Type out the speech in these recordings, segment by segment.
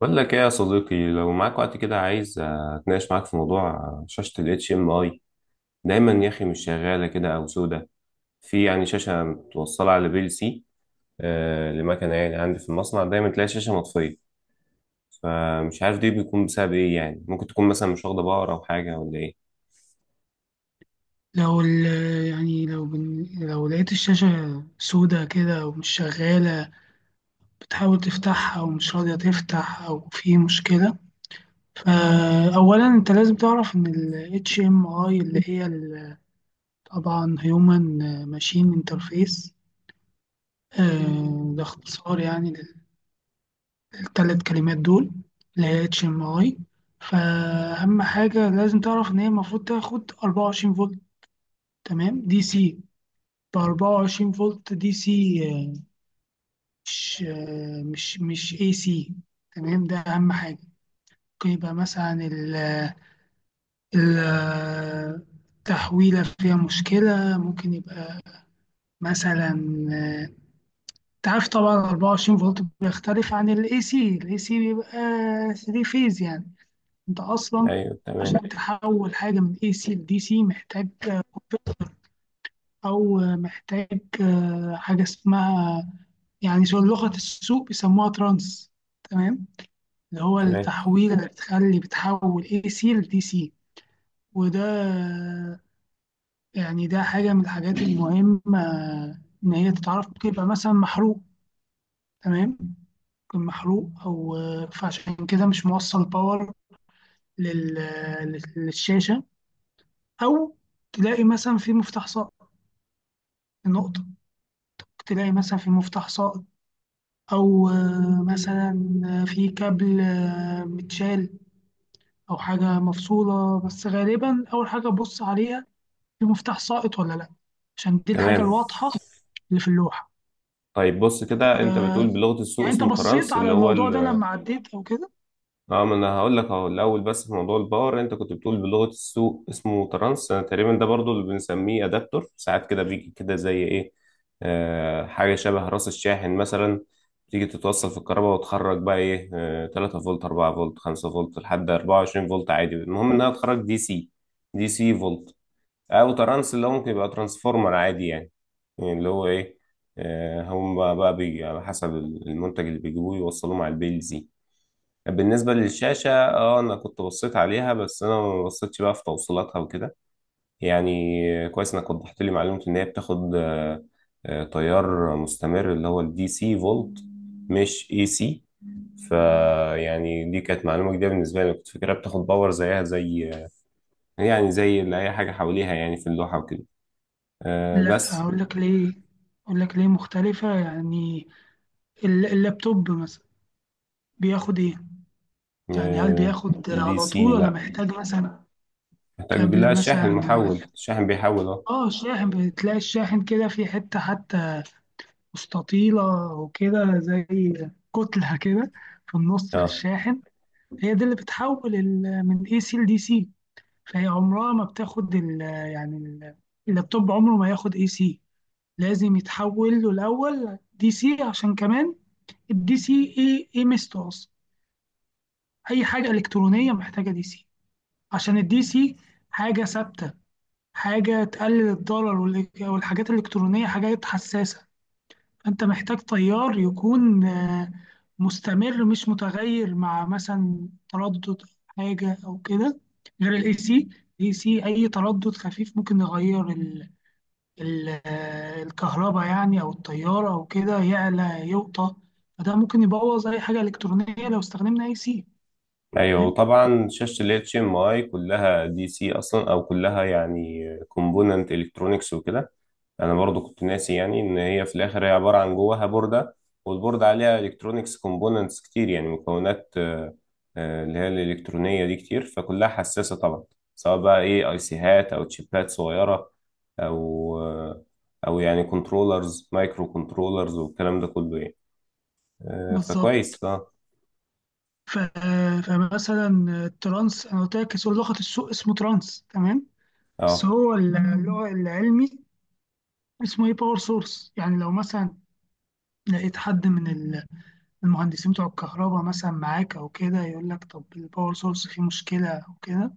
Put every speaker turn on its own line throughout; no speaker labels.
بقول لك ايه يا صديقي؟ لو معاك وقت كده، عايز اتناقش معاك في موضوع شاشة ال HMI. دايما يا اخي مش شغالة كده، او سودة. في يعني شاشة متوصلة على بي ال سي لمكنة، يعني عندي في المصنع دايما تلاقي شاشة مطفية. فمش عارف دي بيكون بسبب ايه؟ يعني ممكن تكون مثلا مش واخدة باور، او حاجة، ولا ايه؟
لو ال لو لقيت الشاشة سودة كده ومش شغالة، بتحاول تفتحها ومش راضية تفتح أو في مشكلة. فأولا أنت لازم تعرف إن ال HMI اللي هي ال- طبعا Human Machine Interface، ده اختصار يعني للثلاث كلمات دول اللي هي HMI. فأهم حاجة لازم تعرف إن هي المفروض تاخد 24 فولت، تمام؟ دي سي، ب 24 فولت دي سي، مش مش اي سي. تمام، ده اهم حاجه. ممكن يبقى مثلا ال التحويله فيها مشكله، ممكن يبقى مثلا، انت عارف طبعا 24 فولت بيختلف عن الاي سي، الاي سي بيبقى 3 فيز يعني. انت اصلا
ايوه، تمام.
عشان تحول حاجه من اي سي لدي سي محتاج كونفرتر، او محتاج حاجه اسمها، يعني شو لغه السوق بيسموها ترانس، تمام؟ اللي هو
تمام.
التحويل اللي بتخلي، بتحول اي سي لدي سي. وده يعني ده حاجة من الحاجات المهمة، إن هي تتعرف، بيبقى مثلا محروق، تمام؟ يكون محروق، أو فعشان كده مش موصل باور لل- للشاشة، أو تلاقي مثلا في مفتاح ساقط. نقطة، تلاقي مثلا في مفتاح ساقط، أو مثلا في كابل متشال أو حاجة مفصولة. بس غالبا أول حاجة أبص عليها في مفتاح ساقط ولا لا، عشان دي الحاجة
تمام.
الواضحة اللي في اللوحة.
طيب بص كده، انت بتقول بلغة السوق
يعني انت
اسمه
بصيت
ترانس
على
اللي هو
الموضوع ده
ال.
لما عديت او كده؟
اه، ما انا هقول لك اهو الاول. بس في موضوع الباور انت كنت بتقول بلغه السوق اسمه ترانس، أنا تقريبا ده برضو اللي بنسميه ادابتور ساعات كده، بيجي كده زي ايه؟ حاجه شبه راس الشاحن مثلا. تيجي تتوصل في الكهرباء، وتخرج بقى ايه؟ 3 فولت، 4 فولت، 5 فولت، لحد 24 فولت عادي. المهم انها تخرج دي سي. دي سي فولت. او ترانس اللي هو ممكن يبقى ترانسفورمر عادي يعني. يعني اللي هو ايه؟ هم بقى بيجي على حسب المنتج اللي بيجيبوه يوصلوه مع البيلز. بالنسبة للشاشة، اه، انا كنت بصيت عليها، بس انا ما بصيتش بقى في توصيلاتها وكده. يعني كويس انك وضحت لي معلومة ان هي بتاخد تيار مستمر اللي هو الدي سي فولت، مش اي سي. فيعني دي كانت معلومة جديدة بالنسبة لي، كنت فاكرها بتاخد باور زيها زي يعني زي اللي اي حاجة حواليها، يعني في اللوحة وكده
لا
بس.
اقول لك ليه، اقول لك ليه مختلفة يعني. ال- اللابتوب مثلا بياخد ايه؟ يعني هل
آه،
بياخد
دي
على
سي،
طول ولا
لا،
محتاج مثلا
محتاج
كابل
لها شاحن،
مثلا؟
محول الشاحن بيحول، اه.
اه الشاحن، بتلاقي الشاحن كده في حتة حتى مستطيلة وكده، زي كتلة كده في النص في
اه،
الشاحن. هي دي اللي بتحول ال- من اي سي لدي سي. هي عمرها ما بتاخد ال، يعني ال- اللابتوب عمره ما ياخد اي سي، لازم يتحول له الاول دي سي. عشان كمان الدي سي ايه ايه ميزته اصلا؟ اي حاجه الكترونيه محتاجه دي سي، عشان الدي سي حاجه ثابته، حاجه تقلل الضرر، والحاجات الالكترونيه حاجات حساسه. فأنت محتاج طيار يكون مستمر، مش متغير مع مثلا تردد أو حاجة أو كده، غير الاي سي. الاي سي أي تردد خفيف ممكن يغير الكهرباء يعني، أو الطيارة أو كده، يعلى يوطى. فده ممكن يبوظ أي حاجة إلكترونية لو استخدمنا اي سي.
ايوه،
فاهم؟
وطبعا شاشه ال HMI كلها دي سي اصلا، او كلها يعني كومبوننت الكترونكس وكده. انا برضو كنت ناسي يعني ان هي في الاخر هي عباره عن جواها بورده. والبورده عليها الكترونكس كومبوننتس كتير، يعني مكونات اللي هي الالكترونيه دي كتير، فكلها حساسه طبعا. سواء بقى ايه اي سيهات او تشيبات صغيره، او آه، او يعني كنترولرز، مايكرو كنترولرز والكلام ده كله يعني.
بالظبط.
فكويس، اه.
ف- فمثلا الترانس أنا قلت لك اسم- لغة السوق اسمه ترانس، تمام؟ بس
اه.
هو ال- اللغة العلمي اسمه ايه، باور سورس. يعني لو مثلا لقيت حد من ال- المهندسين بتوع الكهرباء مثلا معاك او كده يقول لك، طب الباور سورس فيه مشكله او كده،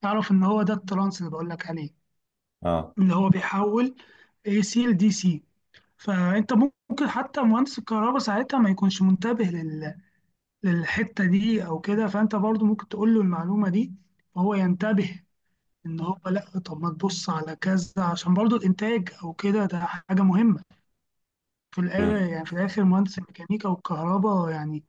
تعرف ان هو ده الترانس اللي بقول لك عليه،
اه.
اللي هو بيحول اي سي لدي سي. فانت ممكن حتى مهندس الكهرباء ساعتها ما يكونش منتبه لل... للحته دي او كده، فانت برضو ممكن تقول له المعلومه دي وهو ينتبه، ان هو لا طب ما تبص على كذا، عشان برضو الانتاج او كده ده حاجه مهمه. في الآخر
مم.
يعني في الآخر مهندس الميكانيكا والكهرباء يعني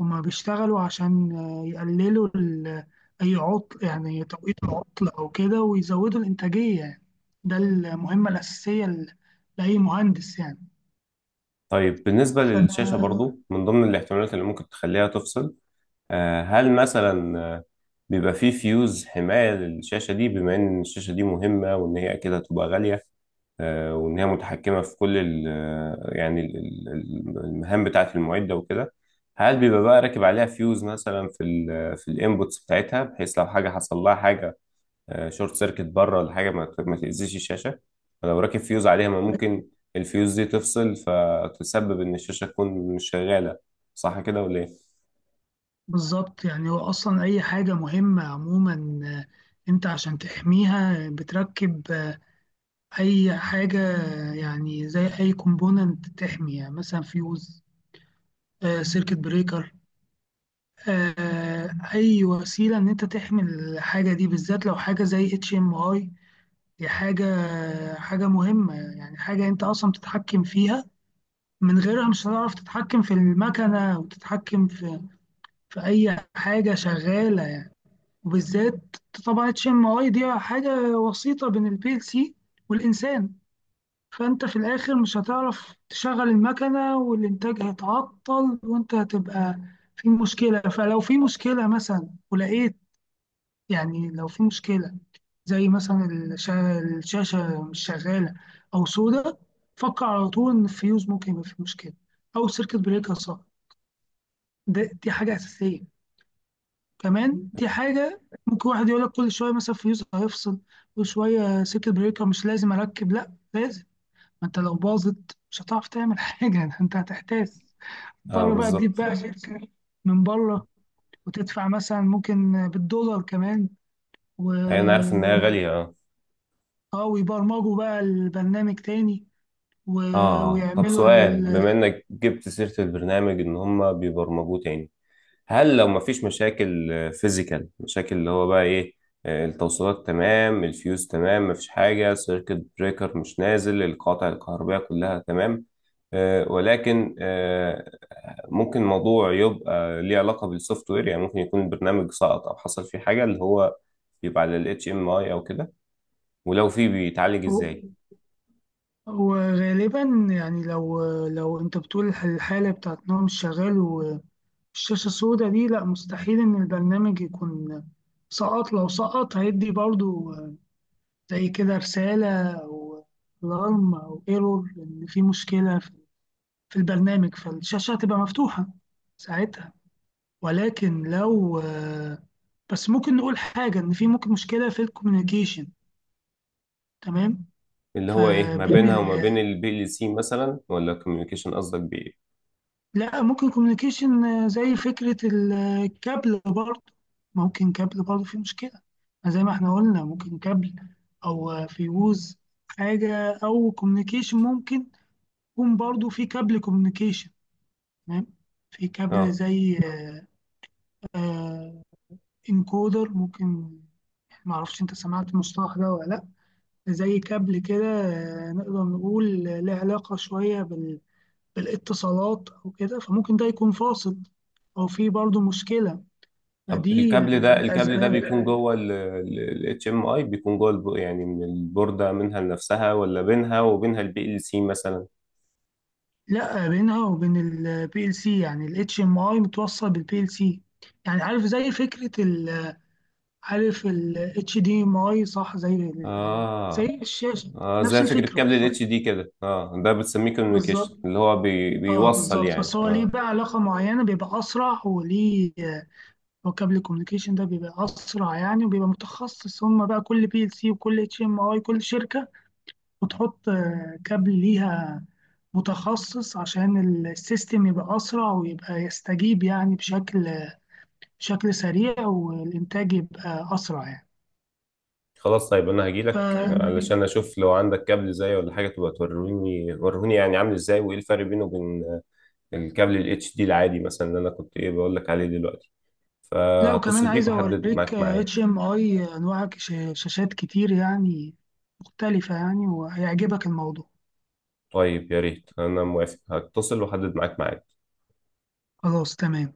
هما بيشتغلوا عشان يقللوا ال- أي عطل، يعني توقيت العطل أو كده، ويزودوا الإنتاجية يعني. ده المهمة الأساسية ل- لأي مهندس يعني.
طيب بالنسبة للشاشة برضو، من ضمن الاحتمالات اللي ممكن تخليها تفصل، هل مثلا بيبقى فيه فيوز حماية للشاشة دي، بما إن الشاشة دي مهمة وإن هي أكيد هتبقى غالية، وإن هي متحكمة في كل ال آه، يعني المهام بتاعة المعدة وكده؟ هل بيبقى بقى راكب عليها فيوز مثلا في ال آه، في الانبوتس بتاعتها، بحيث لو حاجة حصل لها حاجة شورت سيركت بره ولا حاجه، ما تاذيش الشاشه. ولو راكب فيوز عليها، ما ممكن الفيوز دي تفصل فتسبب ان الشاشه تكون مش شغاله؟ صح كده، ولا ايه؟
فبالظبط، يعني هو أصلا أي حاجة مهمة عموما، أنت عشان تحميها بتركب أي حاجة، يعني زي أي كومبوننت تحمي، يعني مثلا فيوز، سيركت بريكر، آه، اي وسيله ان انت تحمي الحاجه دي. بالذات لو حاجه زي اتش ام اي، دي حاجه حاجه مهمه يعني، حاجه انت اصلا بتتحكم فيها. من غيرها مش هتعرف تتحكم في المكنه وتتحكم في اي حاجه شغاله يعني. وبالذات طبعا اتش ام اي دي حاجه وسيطه بين البي ال سي والانسان. فانت في الاخر مش هتعرف تشغل المكنه، والانتاج هيتعطل، وانت هتبقى في مشكله. فلو في مشكله مثلا ولقيت، يعني لو في مشكلة زي مثلا الشاشة مش شغالة أو سودة، فكر على طول إن الفيوز ممكن يبقى فيه مشكلة، أو السيركت بريكر، صح؟ ده دي حاجة أساسية. كمان دي حاجة، ممكن واحد يقول لك، كل شوية مثلا فيوز هيفصل، كل شوية سيركت بريكر، مش لازم أركب. لأ لازم، ما أنت لو باظت مش هتعرف تعمل حاجة. ده أنت هتحتاس،
اه،
تضطر بقى تجيب
بالظبط.
بقى شركة من بره، وتدفع مثلا ممكن بالدولار كمان، و
يعني انا عارف ان هي غاليه، اه.
اه، ويبرمجوا بقى البرنامج تاني، و...
اه. آه. طب
ويعملوا
سؤال،
ال...
بما انك جبت سيره البرنامج ان هم بيبرمجوه تاني، هل لو مفيش مشاكل، فيزيكال مشاكل اللي هو بقى ايه، التوصيلات تمام، الفيوز تمام، مفيش حاجة، سيركت بريكر مش نازل، القاطع الكهربائية كلها تمام، ولكن ممكن الموضوع يبقى ليه علاقة بالسوفت وير؟ يعني ممكن يكون البرنامج سقط، او حصل فيه حاجة اللي هو بيبقى على ال HMI او كده، ولو فيه، بيتعالج
و-
ازاي؟
وغالبا يعني لو انت بتقول الحالة بتاعت ان هو مش شغال والشاشة السوداء دي، لا مستحيل ان البرنامج يكون سقط. لو سقط هيدي برضو زي كده رسالة او الارم او ايرور، ان في مشكلة في البرنامج، فالشاشة هتبقى مفتوحة ساعتها. ولكن لو بس ممكن نقول حاجة، إن في ممكن مشكلة في الكوميونيكيشن، تمام؟
اللي هو ايه ما
فبين
بينها
ال...
وما بين البي ال سي مثلا؟ ولا كوميونيكيشن قصدك بايه؟
لا، ممكن كوميونيكيشن، زي فكرة الكابل برضه، ممكن كابل برضه في مشكلة. زي ما احنا قلنا، ممكن كابل، أو فيوز حاجة، أو كوميونيكيشن. ممكن يكون برضه في كابل كوميونيكيشن، تمام؟ في كابل
اه،
زي انكودر ممكن، معرفش انت سمعت المصطلح ده ولا لا، زي كابل كده نقدر نقول له علاقة شوية بال... بالاتصالات أو كده، فممكن ده يكون فاصل أو في برضه مشكلة.
طب
فدي
الكابل
من
ده، الكابل ده
الأسباب.
بيكون جوه ال HMI، بيكون جوه يعني من البوردة منها لنفسها، ولا بينها وبينها البي ال سي مثلا؟
لا، بينها وبين البي ال سي، يعني ال HDMI متوصل بالبي ال سي. يعني عارف زي فكرة ال... عارف ال HDMI صح؟ زي ال... زي
اه.
الشاشة.
اه،
نفس
زي فكرة
الفكرة
كابل
بالظبط،
الـ HD كده، اه. ده بتسميه كوميونيكيشن
بالظبط.
اللي هو
اه
بيوصل،
بالظبط،
يعني
بس هو ليه
اه.
بقى علاقة معينة، بيبقى أسرع وليه. هو كابل الكوميونيكيشن ده بيبقى اسرع يعني، وبيبقى متخصص. هم بقى كل بي ال سي وكل اتش ام اي كل شركه بتحط كابل ليها متخصص، عشان السيستم يبقى اسرع ويبقى يستجيب يعني بشكل سريع، والانتاج يبقى اسرع يعني.
خلاص طيب، انا
ف...
هجيلك علشان اشوف لو عندك كابل زي ولا حاجة تبقى توريني، وريني يعني عامل ازاي، وايه الفرق بينه وبين الكابل الـ HD العادي مثلا، اللي انا كنت ايه بقول لك عليه دلوقتي.
لا وكمان
فهتصل بيك
عايز
واحدد
اوريك
معاك ميعاد.
اتش ام اي، انواع شاشات كتير يعني مختلفه يعني، وهيعجبك الموضوع.
طيب يا ريت، انا موافق، هتصل واحدد معاك ميعاد.
خلاص تمام.